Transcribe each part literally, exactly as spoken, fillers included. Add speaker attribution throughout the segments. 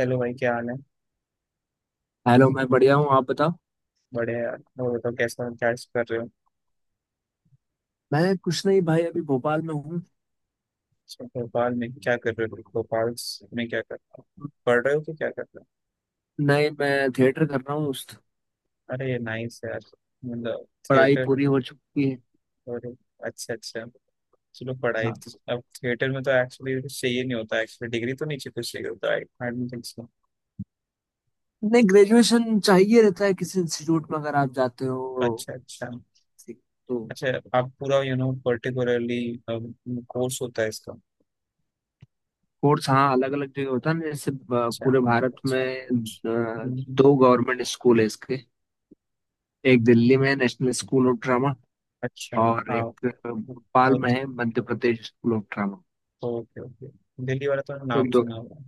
Speaker 1: Hello भाई, क्या हाल है।
Speaker 2: हेलो। मैं बढ़िया हूँ। आप बताओ।
Speaker 1: बड़े यार। और बताओ कैसा हो? क्या कर रहे हो।
Speaker 2: मैं कुछ नहीं भाई, अभी भोपाल में हूँ।
Speaker 1: अच्छा, भोपाल में क्या कर रहे हो भोपाल स- में क्या कर रहे हो, पढ़ रहे हो कि क्या कर रहे हो।
Speaker 2: नहीं, मैं थिएटर कर रहा हूँ उस-
Speaker 1: अरे नाइस यार। मतलब।
Speaker 2: पढ़ाई
Speaker 1: थिएटर।
Speaker 2: पूरी हो चुकी है।
Speaker 1: और। अच्छा, अच्छा। चलो, पढ़ाई
Speaker 2: हाँ।
Speaker 1: तो- अब थिएटर में तो एक्चुअली चाहिए नहीं होता, एक्चुअली डिग्री तो नीचे कुछ चाहिए होता। I I don't think so.
Speaker 2: नहीं, ग्रेजुएशन चाहिए रहता है किसी इंस्टीट्यूट में अगर आप जाते हो
Speaker 1: अच्छा, अच्छा।
Speaker 2: तो।
Speaker 1: अच्छा आप पूरा, यू नो, पर्टिकुलरली कोर्स होता है इसका।
Speaker 2: कोर्स, हाँ, अलग अलग जगह होता है ना, जैसे अ,
Speaker 1: अच्छा।
Speaker 2: पूरे भारत में अ,
Speaker 1: हम्म,
Speaker 2: दो गवर्नमेंट स्कूल है इसके। एक दिल्ली में है, नेशनल स्कूल ऑफ ड्रामा।
Speaker 1: अच्छा।
Speaker 2: और
Speaker 1: हाँ
Speaker 2: एक अ, भोपाल
Speaker 1: वो
Speaker 2: में
Speaker 1: तो।
Speaker 2: है, Madhya Pradesh school of drama.
Speaker 1: Okay, okay. Delhi वाला तो
Speaker 2: तो
Speaker 1: नाम
Speaker 2: दो,
Speaker 1: सुना हुआ है।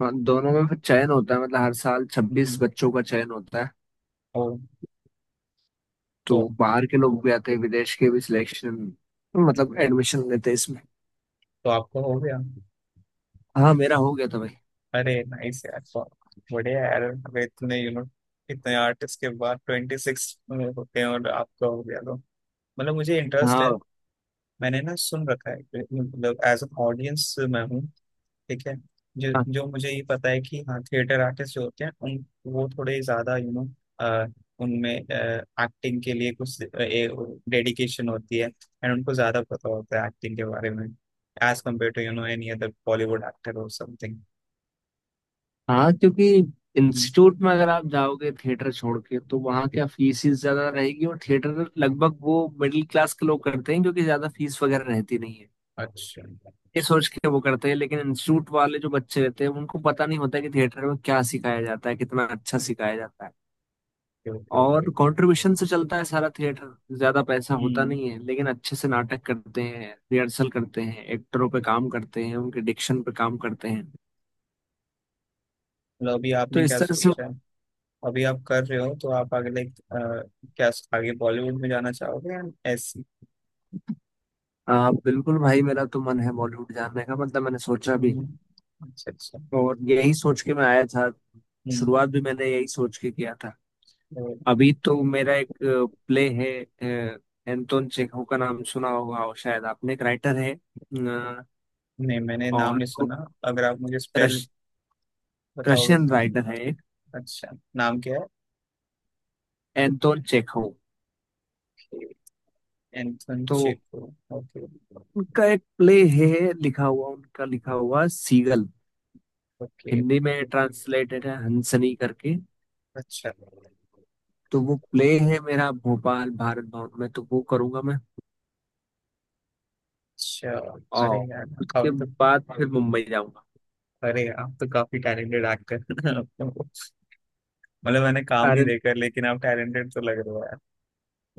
Speaker 2: हाँ, दोनों में फिर चयन होता है, मतलब हर साल छब्बीस
Speaker 1: हम्म,
Speaker 2: बच्चों का चयन होता है।
Speaker 1: ओ। तो
Speaker 2: तो बाहर के लोग भी आते हैं, विदेश के भी सिलेक्शन मतलब एडमिशन लेते हैं इसमें।
Speaker 1: तो आपको हो गया।
Speaker 2: हाँ, मेरा हो गया था भाई।
Speaker 1: अरे नाइस यार। तो बढ़िया यार, अगर इतने, यू नो, इतने आर्टिस्ट के बाद ट्वेंटी सिक्स होते हैं और आपका हो गया तो, मतलब, मुझे इंटरेस्ट है।
Speaker 2: हाँ,
Speaker 1: मैंने ना सुन रखा है। मतलब एज एन ऑडियंस मैं हूँ। ठीक है। जो
Speaker 2: हाँ,
Speaker 1: जो मुझे ये पता है कि हाँ थिएटर आर्टिस्ट जो होते हैं, उन वो थोड़े ज्यादा, यू नो, उनमें एक्टिंग के लिए कुछ डेडिकेशन होती है, एंड उनको ज्यादा पता होता है एक्टिंग के बारे में, as compare to, you know, any other Bollywood actor और समथिंग।
Speaker 2: हाँ, क्योंकि इंस्टीट्यूट में अगर आप जाओगे थिएटर छोड़ के तो वहाँ क्या फीस ही ज्यादा रहेगी, और थिएटर लगभग वो मिडिल क्लास के लोग करते हैं क्योंकि ज्यादा फीस वगैरह रहती नहीं है।
Speaker 1: अच्छा,
Speaker 2: ये सोच के वो करते हैं, लेकिन इंस्टीट्यूट वाले जो बच्चे रहते हैं उनको पता नहीं होता कि थिएटर में क्या सिखाया जाता है, कितना अच्छा सिखाया जाता है।
Speaker 1: Okay, okay, okay.
Speaker 2: और कंट्रीब्यूशन से चलता है सारा थिएटर, ज्यादा पैसा होता नहीं है,
Speaker 1: हम्म।
Speaker 2: लेकिन अच्छे से नाटक करते हैं, रिहर्सल करते हैं, एक्टरों पे काम करते हैं, उनके डिक्शन पे काम करते हैं।
Speaker 1: मतलब अभी
Speaker 2: तो
Speaker 1: आपने क्या
Speaker 2: इस तरह से।
Speaker 1: सोचा है? अभी आप कर रहे हो तो आप आगे, लाइक, क्या आगे बॉलीवुड में जाना चाहोगे या ऐसी?
Speaker 2: आ, बिल्कुल भाई, मेरा तो मन है बॉलीवुड जाने का, मतलब मैंने सोचा भी
Speaker 1: हम्म,
Speaker 2: है।
Speaker 1: अच्छा, अच्छा।
Speaker 2: और यही सोच के मैं आया था।
Speaker 1: हम्म।
Speaker 2: शुरुआत भी मैंने यही सोच के किया था।
Speaker 1: तो।
Speaker 2: अभी तो मेरा एक प्ले है। अ, एंटोन चेखव का नाम सुना होगा, और शायद आपने, एक राइटर है अ,
Speaker 1: नहीं, मैंने नाम
Speaker 2: और
Speaker 1: नहीं सुना। अगर आप मुझे स्पेल
Speaker 2: रश,
Speaker 1: बताओगे
Speaker 2: रशियन राइटर है एक,
Speaker 1: तो अच्छा। नाम क्या
Speaker 2: एंटोन चेखव।
Speaker 1: है? एंथन
Speaker 2: तो
Speaker 1: चेको? ओके
Speaker 2: उनका एक प्ले है लिखा हुआ, उनका लिखा हुआ सीगल।
Speaker 1: ओके।
Speaker 2: हिंदी में ट्रांसलेटेड है हंसनी करके।
Speaker 1: अच्छा,
Speaker 2: तो वो प्ले है मेरा भोपाल भारत भवन में, तो वो करूंगा मैं।
Speaker 1: अच्छा।
Speaker 2: और
Speaker 1: अरे यार।
Speaker 2: उसके
Speaker 1: अब तो।
Speaker 2: बाद फिर मुंबई जाऊंगा।
Speaker 1: अरे, आप तो काफी टैलेंटेड एक्टर हैं। मतलब मैंने काम नहीं
Speaker 2: अरे।
Speaker 1: देखा, लेकिन आप टैलेंटेड तो लग रहे हो यार।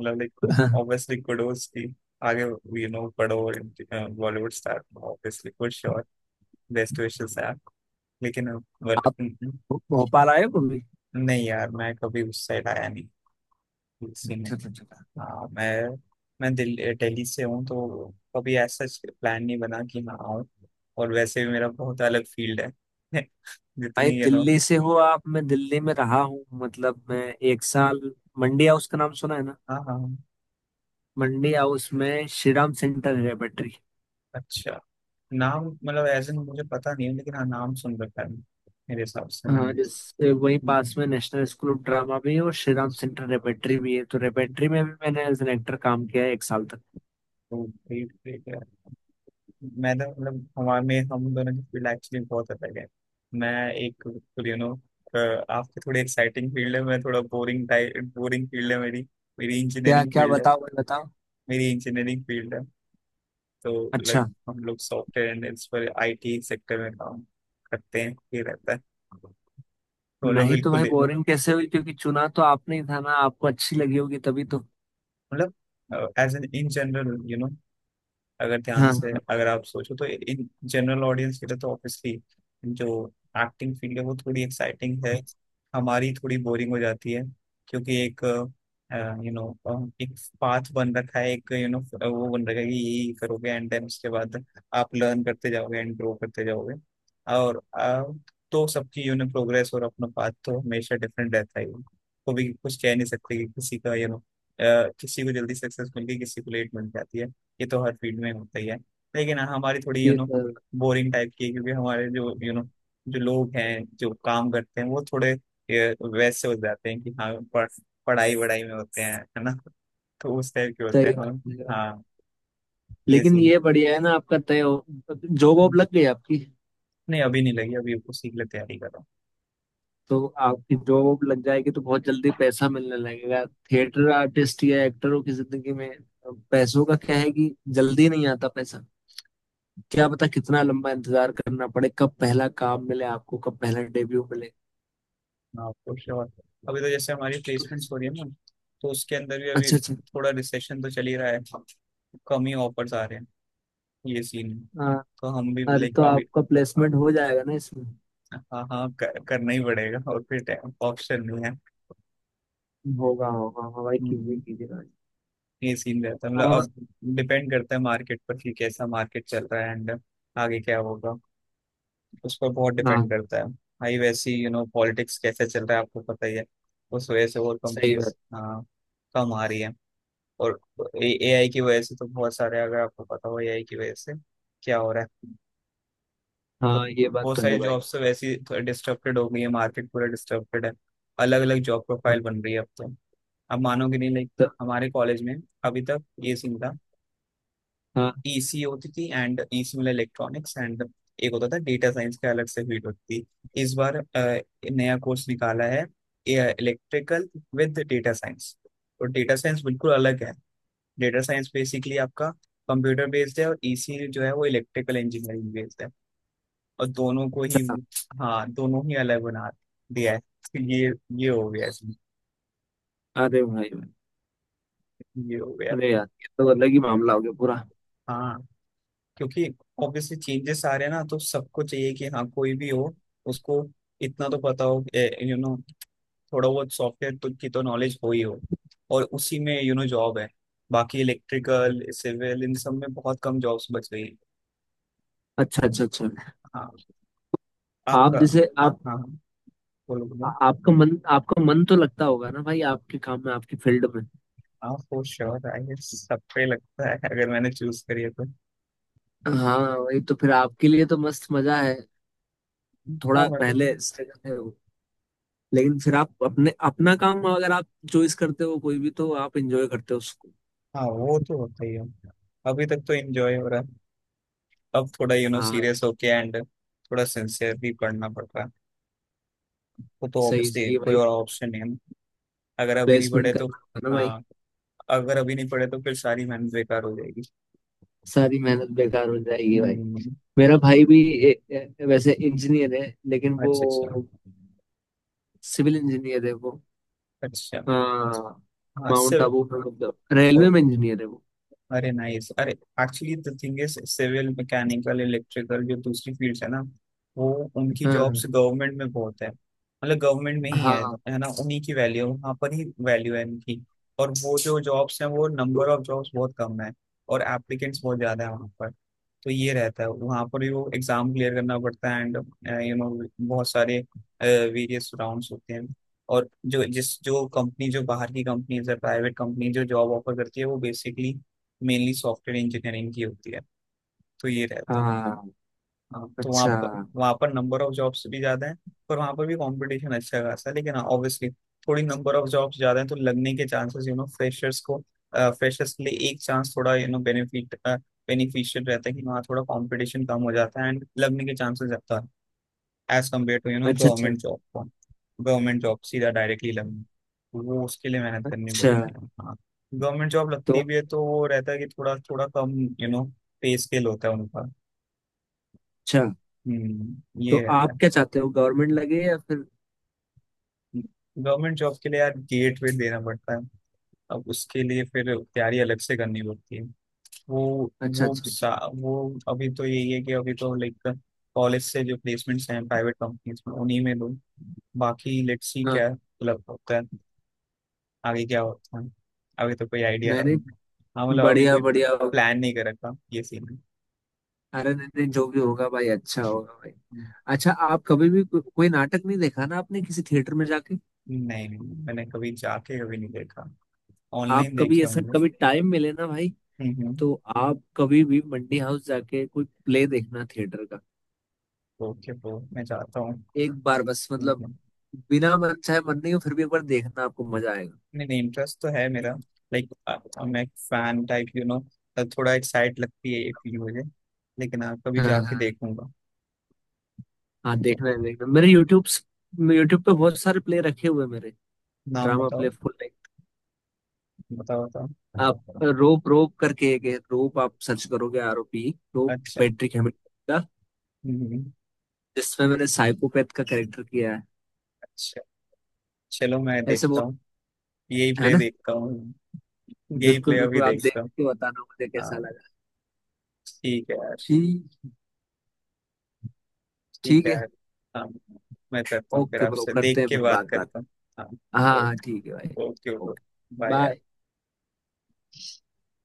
Speaker 1: मतलब, लाइक, ऑब्वियसली कुडोस की। आगे, यू नो, पढ़ो। Bollywood star obviously for sure. Best wishes यार। लेकिन। बट
Speaker 2: आप भोपाल आए हो कभी?
Speaker 1: नहीं यार, मैं कभी उस साइड आया नहीं।
Speaker 2: अच्छा, अच्छा, अच्छा।
Speaker 1: हाँ, मैं मैं दिल्ली दिल्ली से हूँ तो कभी ऐसा प्लान नहीं बना कि मैं आऊँ। और वैसे भी मेरा बहुत अलग फील्ड है।
Speaker 2: भाई
Speaker 1: जितनी, यू नो।
Speaker 2: दिल्ली से हो आप? मैं दिल्ली में रहा हूँ, मतलब मैं एक साल। मंडी हाउस का नाम सुना है ना?
Speaker 1: हाँ, हाँ।
Speaker 2: मंडी हाउस में श्रीराम सेंटर है, बैटरी।
Speaker 1: अच्छा, नाम, मतलब, एज इन मुझे पता नहीं है, लेकिन हाँ नाम सुन रखा है मेरे हिसाब से
Speaker 2: हाँ,
Speaker 1: मैंने।
Speaker 2: जैसे वही
Speaker 1: हम्म,
Speaker 2: पास में नेशनल स्कूल ऑफ ड्रामा भी है और श्री राम
Speaker 1: अच्छा।
Speaker 2: सेंटर रेपेट्री भी है, तो रेपेट्री में भी मैंने एज एन एक्टर काम किया है एक साल तक।
Speaker 1: तो ग्रेट ग्रेट है। मैं तो, मतलब, हमारे में हम दोनों की फील्ड एक्चुअली बहुत अलग है। मैं एक बिल्कुल, यू नो, आपके थोड़ी एक्साइटिंग फील्ड है, मैं थोड़ा बोरिंग टाइप, बोरिंग फील्ड है मेरी। मेरी
Speaker 2: क्या
Speaker 1: इंजीनियरिंग
Speaker 2: क्या
Speaker 1: फील्ड
Speaker 2: बताओ भाई, बताओ।
Speaker 1: मेरी इंजीनियरिंग फील्ड है। तो, लाइक,
Speaker 2: अच्छा।
Speaker 1: हम लोग सॉफ्टवेयर एंड इस पर आईटी सेक्टर में काम करते हैं, ये रहता है। तो हम लोग
Speaker 2: नहीं तो
Speaker 1: बिल्कुल,
Speaker 2: भाई बोरिंग कैसे हुई, क्योंकि चुना तो आपने ही था ना, आपको अच्छी लगी होगी तभी तो।
Speaker 1: मतलब, as an in general, you know, अगर ध्यान
Speaker 2: हाँ,
Speaker 1: से,
Speaker 2: हाँ,
Speaker 1: अगर आप सोचो तो इन जनरल ऑडियंस के लिए तो ऑब्वियसली जो एक्टिंग फील्ड है, वो थोड़ी एक्साइटिंग है। हमारी थोड़ी बोरिंग हो जाती है, क्योंकि एक, यू नो, एक पाथ बन रखा है, एक, यू नो, वो बन रखा है कि यही करोगे, एंड देन उसके बाद आप लर्न करते जाओगे एंड ग्रो करते जाओगे। और अ, तो सबकी, यू नो, प्रोग्रेस और अपना पाथ तो हमेशा डिफरेंट रहता ही है। कभी कुछ कह नहीं सकते कि किसी का, यू नो, किसी को जल्दी सक्सेस मिल गई, किसी को लेट मिल जाती है। ये तो हर फील्ड में होता ही है। लेकिन हाँ, हमारी थोड़ी, यू
Speaker 2: ये
Speaker 1: नो,
Speaker 2: तो
Speaker 1: बोरिंग टाइप की है, क्योंकि हमारे जो, यू नो, जो लोग हैं जो काम करते हैं वो थोड़े ये, वैसे हो जाते हैं कि हाँ पढ़, पढ़ाई वढ़ाई में होते हैं, है ना। तो उस टाइप के होते हैं
Speaker 2: सही बात
Speaker 1: हम।
Speaker 2: है।
Speaker 1: हाँ। ये
Speaker 2: लेकिन
Speaker 1: सीन।
Speaker 2: ये बढ़िया है ना, आपका तय हो, जॉब वॉब लग गई आपकी।
Speaker 1: नहीं, अभी नहीं लगी, अभी उसी के लिए तैयारी कर रहा
Speaker 2: तो आपकी जॉब लग जाएगी तो बहुत जल्दी पैसा मिलने लगेगा। थिएटर आर्टिस्ट या एक्टरों की जिंदगी में पैसों का क्या है कि जल्दी नहीं आता पैसा। क्या पता कितना लंबा इंतजार करना पड़े, कब पहला काम मिले आपको, कब पहला डेब्यू मिले।
Speaker 1: हूँ। हाँ, तो श्योर। अभी तो जैसे हमारी
Speaker 2: तो
Speaker 1: प्लेसमेंट्स हो रही है ना, तो उसके अंदर भी अभी
Speaker 2: अच्छा, अच्छा।
Speaker 1: थोड़ा रिसेशन तो चल ही रहा है। कम ही ऑफर्स आ रहे हैं। ये सीन है।
Speaker 2: हाँ।
Speaker 1: तो हम भी,
Speaker 2: अरे
Speaker 1: लाइक,
Speaker 2: तो
Speaker 1: अभी।
Speaker 2: आपका प्लेसमेंट हो जाएगा ना इसमें?
Speaker 1: हाँ, हाँ, कर, करना ही पड़ेगा और फिर ऑप्शन नहीं है।
Speaker 2: होगा होगा, हाँ भाई, कीजिए
Speaker 1: हम्म,
Speaker 2: कीजिए भाई।
Speaker 1: ये सीन रहता है, मतलब,
Speaker 2: और,
Speaker 1: अब डिपेंड करता है मार्केट पर कि कैसा मार्केट चल रहा है, एंड आगे क्या होगा उस पर बहुत डिपेंड
Speaker 2: हाँ,
Speaker 1: करता है। भाई वैसे ही, यू नो, पॉलिटिक्स कैसे चल रहा है आपको पता ही है। उस वजह से और
Speaker 2: सही
Speaker 1: कंपनीज,
Speaker 2: बात।
Speaker 1: हाँ, कम आ रही है। और ए आई की वजह से तो बहुत सारे, अगर आपको पता हो ए आई की वजह से क्या हो रहा है। तो
Speaker 2: हाँ, ये बात
Speaker 1: बहुत
Speaker 2: तो
Speaker 1: सारी
Speaker 2: है भाई।
Speaker 1: जॉब्स तो वैसे ही डिस्टर्बेड हो गई है, मार्केट पूरा डिस्टर्बेड है। अलग अलग जॉब
Speaker 2: हाँ,
Speaker 1: प्रोफाइल बन रही है अब तो। अब मानोगे नहीं, लाइक,
Speaker 2: तो
Speaker 1: हमारे कॉलेज में अभी तक ये सीन था।
Speaker 2: हाँ,
Speaker 1: ई सी होती थी, एंड ई सी मतलब इलेक्ट्रॉनिक्स, एंड एक होता था डेटा साइंस का, अलग से फील्ड होती थी। इस बार अ, नया कोर्स निकाला है, इलेक्ट्रिकल विद डेटा साइंस। तो डेटा साइंस बिल्कुल अलग है, डेटा साइंस बेसिकली आपका कंप्यूटर बेस्ड है, और ई सी जो है वो इलेक्ट्रिकल इंजीनियरिंग बेस्ड है। और दोनों को ही,
Speaker 2: हाँ।
Speaker 1: हाँ, दोनों ही अलग बना दिया है। तो ये ये हो गया इसमें,
Speaker 2: अरे भाई भाई,
Speaker 1: ये हो गया।
Speaker 2: अरे यार ये तो अलग ही मामला हो गया पूरा।
Speaker 1: हाँ, क्योंकि ऑब्वियसली चेंजेस आ रहे हैं ना, तो सबको चाहिए कि हाँ, कोई भी हो उसको इतना तो पता हो, यू नो, थोड़ा बहुत सॉफ्टवेयर तो की तो नॉलेज हो ही हो, और उसी में, यू नो, जॉब है। बाकी इलेक्ट्रिकल, सिविल, इन सब में बहुत कम जॉब्स बच गई।
Speaker 2: अच्छा, अच्छा, अच्छा।
Speaker 1: हाँ।
Speaker 2: आप
Speaker 1: आपका।
Speaker 2: जैसे आप
Speaker 1: हाँ, हाँ, बोलो,
Speaker 2: आ-
Speaker 1: बोलो।
Speaker 2: आपका मन आपका मन तो लगता होगा ना भाई, आपके काम में, आपकी फील्ड में।
Speaker 1: आप फॉर श्योर, आई सब पे लगता है अगर मैंने चूज करी है तो।
Speaker 2: हाँ वही तो, फिर आपके लिए तो मस्त मजा है।
Speaker 1: हाँ,
Speaker 2: थोड़ा
Speaker 1: मतलब।
Speaker 2: पहले स्ट्रगल है वो, लेकिन फिर आप अपने अपना काम, अगर आप चॉइस करते हो कोई भी, तो आप एंजॉय करते हो उसको।
Speaker 1: हाँ वो तो होता ही है, अभी तक तो एंजॉय हो रहा है। अब थोड़ा, यू नो,
Speaker 2: हाँ
Speaker 1: सीरियस होके, एंड थोड़ा सिंसियरली पढ़ना पड़ रहा है। वो तो
Speaker 2: सही
Speaker 1: ऑब्वियसली
Speaker 2: सही है
Speaker 1: कोई
Speaker 2: भाई।
Speaker 1: और ऑप्शन नहीं है ना। अगर अभी नहीं पढ़े
Speaker 2: प्लेसमेंट
Speaker 1: तो।
Speaker 2: करना होगा ना भाई।
Speaker 1: हाँ। अगर अभी नहीं पढ़े तो फिर सारी मेहनत बेकार हो जाएगी।
Speaker 2: सारी मेहनत बेकार हो जाएगी भाई।
Speaker 1: हम्म।
Speaker 2: मेरा भाई भी ए, ए, वैसे इंजीनियर है, लेकिन
Speaker 1: अच्छा, अच्छा,
Speaker 2: वो सिविल इंजीनियर है वो।
Speaker 1: अच्छा।
Speaker 2: हाँ।
Speaker 1: हाँ
Speaker 2: माउंट
Speaker 1: सिर्फ।
Speaker 2: आबू में मतलब रेलवे में इंजीनियर है वो।
Speaker 1: अरे नाइस, अरे actually the thing is civil, mechanical, electrical, जो दूसरी फील्ड्स है ना, वो उनकी
Speaker 2: हाँ,
Speaker 1: जॉब्स गवर्नमेंट में बहुत है, मतलब गवर्नमेंट में ही है।
Speaker 2: हाँ,
Speaker 1: है ना, उन्हीं की वैल्यू वहाँ पर ही, वैल्यू है इनकी। और वो जो जॉब्स हैं, वो नंबर ऑफ जॉब्स बहुत कम है, और एप्लीकेंट्स बहुत ज्यादा है वहाँ पर। तो ये रहता है, वहाँ पर भी वो एग्जाम क्लियर करना पड़ता है, एंड, यू नो, बहुत सारे वेरियस राउंड्स होते हैं। और जो जिस जो कंपनी, जो बाहर की कंपनीज है, प्राइवेट कंपनी जो जॉब ऑफर करती है वो बेसिकली मेनली सॉफ्टवेयर इंजीनियरिंग की होती है। तो ये रहता है।
Speaker 2: हाँ।
Speaker 1: हाँ, तो वहाँ
Speaker 2: अच्छा,
Speaker 1: पर वहाँ पर नंबर ऑफ जॉब्स भी ज्यादा है। पर वहाँ पर भी कंपटीशन अच्छा खासा है, लेकिन ऑब्वियसली थोड़ी नंबर ऑफ जॉब्स ज्यादा है तो लगने के चांसेस, यू नो, फ्रेशर्स को, फ्रेशर्स के लिए एक चांस थोड़ा, यू नो, बेनिफिट बेनिफिशियल रहता है कि वहाँ थोड़ा कंपटीशन कम हो जाता है, एंड लगने के चांसेस ज्यादा है, as compare to, you know,
Speaker 2: अच्छा, अच्छा।
Speaker 1: गवर्नमेंट जॉब को। गवर्नमेंट जॉब सीधा डायरेक्टली लगनी, तो वो उसके लिए मेहनत करनी
Speaker 2: अच्छा।
Speaker 1: पड़ती है, हाँ। गवर्नमेंट जॉब
Speaker 2: तो,
Speaker 1: लगती भी है तो वो रहता है कि थोड़ा, थोड़ा कम, यू नो, पे स्केल होता है उनका।
Speaker 2: अच्छा,
Speaker 1: हम्म,
Speaker 2: तो
Speaker 1: ये रहता
Speaker 2: आप
Speaker 1: है।
Speaker 2: क्या चाहते हो, गवर्नमेंट लगे या फिर?
Speaker 1: गवर्नमेंट जॉब के लिए यार गेट वेट देना पड़ता है। अब उसके लिए फिर तैयारी अलग से करनी पड़ती है। वो
Speaker 2: अच्छा,
Speaker 1: वो
Speaker 2: अच्छा, अच्छा।
Speaker 1: सा, वो अभी तो यही है कि अभी तो, लाइक, कॉलेज से जो प्लेसमेंट्स हैं प्राइवेट कंपनीज में, उन्हीं में दो। बाकी लेट्स सी
Speaker 2: हाँ।
Speaker 1: क्या मतलब होता है, आगे क्या होता है। अभी तो कोई आइडिया
Speaker 2: नहीं
Speaker 1: है नहीं।
Speaker 2: नहीं,
Speaker 1: हाँ, मतलब, अभी
Speaker 2: बढ़िया
Speaker 1: कोई
Speaker 2: बढ़िया।
Speaker 1: प्लान नहीं कर रखा, ये सीन है।
Speaker 2: अरे नहीं नहीं, जो भी होगा भाई, अच्छा होगा भाई।
Speaker 1: हम्म।
Speaker 2: अच्छा, आप कभी भी को, कोई नाटक नहीं देखा ना आपने किसी थिएटर में जाके?
Speaker 1: नहीं, नहीं, मैंने कभी जाके कभी नहीं देखा।
Speaker 2: आप
Speaker 1: ऑनलाइन
Speaker 2: कभी,
Speaker 1: देखे
Speaker 2: ऐसा
Speaker 1: होंगे।
Speaker 2: कभी टाइम मिले ना भाई,
Speaker 1: हम्म।
Speaker 2: तो आप कभी भी मंडी हाउस जाके कोई प्ले देखना, थिएटर।
Speaker 1: ओके ब्रो, मैं जाता हूँ।
Speaker 2: एक बार बस,
Speaker 1: हम्म,
Speaker 2: मतलब
Speaker 1: हम्म।
Speaker 2: बिना मन चाहे, मन नहीं हो फिर भी एक बार देखना, आपको मजा आएगा।
Speaker 1: नहीं, नहीं, इंटरेस्ट तो है मेरा, लाइक, मैं फैन टाइप, यू नो, थोड़ा एक्साइट लगती है ये फील मुझे। लेकिन आप, कभी
Speaker 2: हाँ,
Speaker 1: जाके
Speaker 2: हाँ,
Speaker 1: देखूंगा
Speaker 2: हाँ,
Speaker 1: तो
Speaker 2: देखना है देखना है। मेरे यूट्यूब यूट्यूब पे बहुत सारे प्ले रखे हुए हैं मेरे।
Speaker 1: नाम
Speaker 2: ड्रामा प्ले
Speaker 1: बताओ।
Speaker 2: Full like.
Speaker 1: बताओ, बताओ।
Speaker 2: आप रोप रोप करके एक है रोप, आप सर्च करोगे आर ओ पी रोप,
Speaker 1: अच्छा।
Speaker 2: पैट्रिक हैमिल्टन का,
Speaker 1: हम्म,
Speaker 2: जिसमें मैंने साइकोपैथ का कैरेक्टर किया है।
Speaker 1: अच्छा। चलो, मैं
Speaker 2: ऐसे
Speaker 1: देखता
Speaker 2: बहुत
Speaker 1: हूँ। यही
Speaker 2: है
Speaker 1: प्ले
Speaker 2: ना।
Speaker 1: देखता हूँ। यही प्ले
Speaker 2: बिल्कुल
Speaker 1: अभी
Speaker 2: बिल्कुल, आप देख
Speaker 1: देखता हूँ।
Speaker 2: के बताना मुझे कैसा
Speaker 1: हाँ।
Speaker 2: लगा।
Speaker 1: ठीक है यार।
Speaker 2: ठीक,
Speaker 1: ठीक
Speaker 2: ठीक
Speaker 1: है
Speaker 2: है।
Speaker 1: यार। हाँ, मैं करता हूँ, फिर
Speaker 2: ओके ब्रो,
Speaker 1: आपसे
Speaker 2: करते
Speaker 1: देख
Speaker 2: हैं
Speaker 1: के
Speaker 2: फिर
Speaker 1: बात
Speaker 2: बात बात
Speaker 1: करता हूँ। हाँ।
Speaker 2: हाँ हाँ ठीक है भाई।
Speaker 1: Okay, okay, okay.
Speaker 2: Okay
Speaker 1: bye
Speaker 2: bye.
Speaker 1: यार।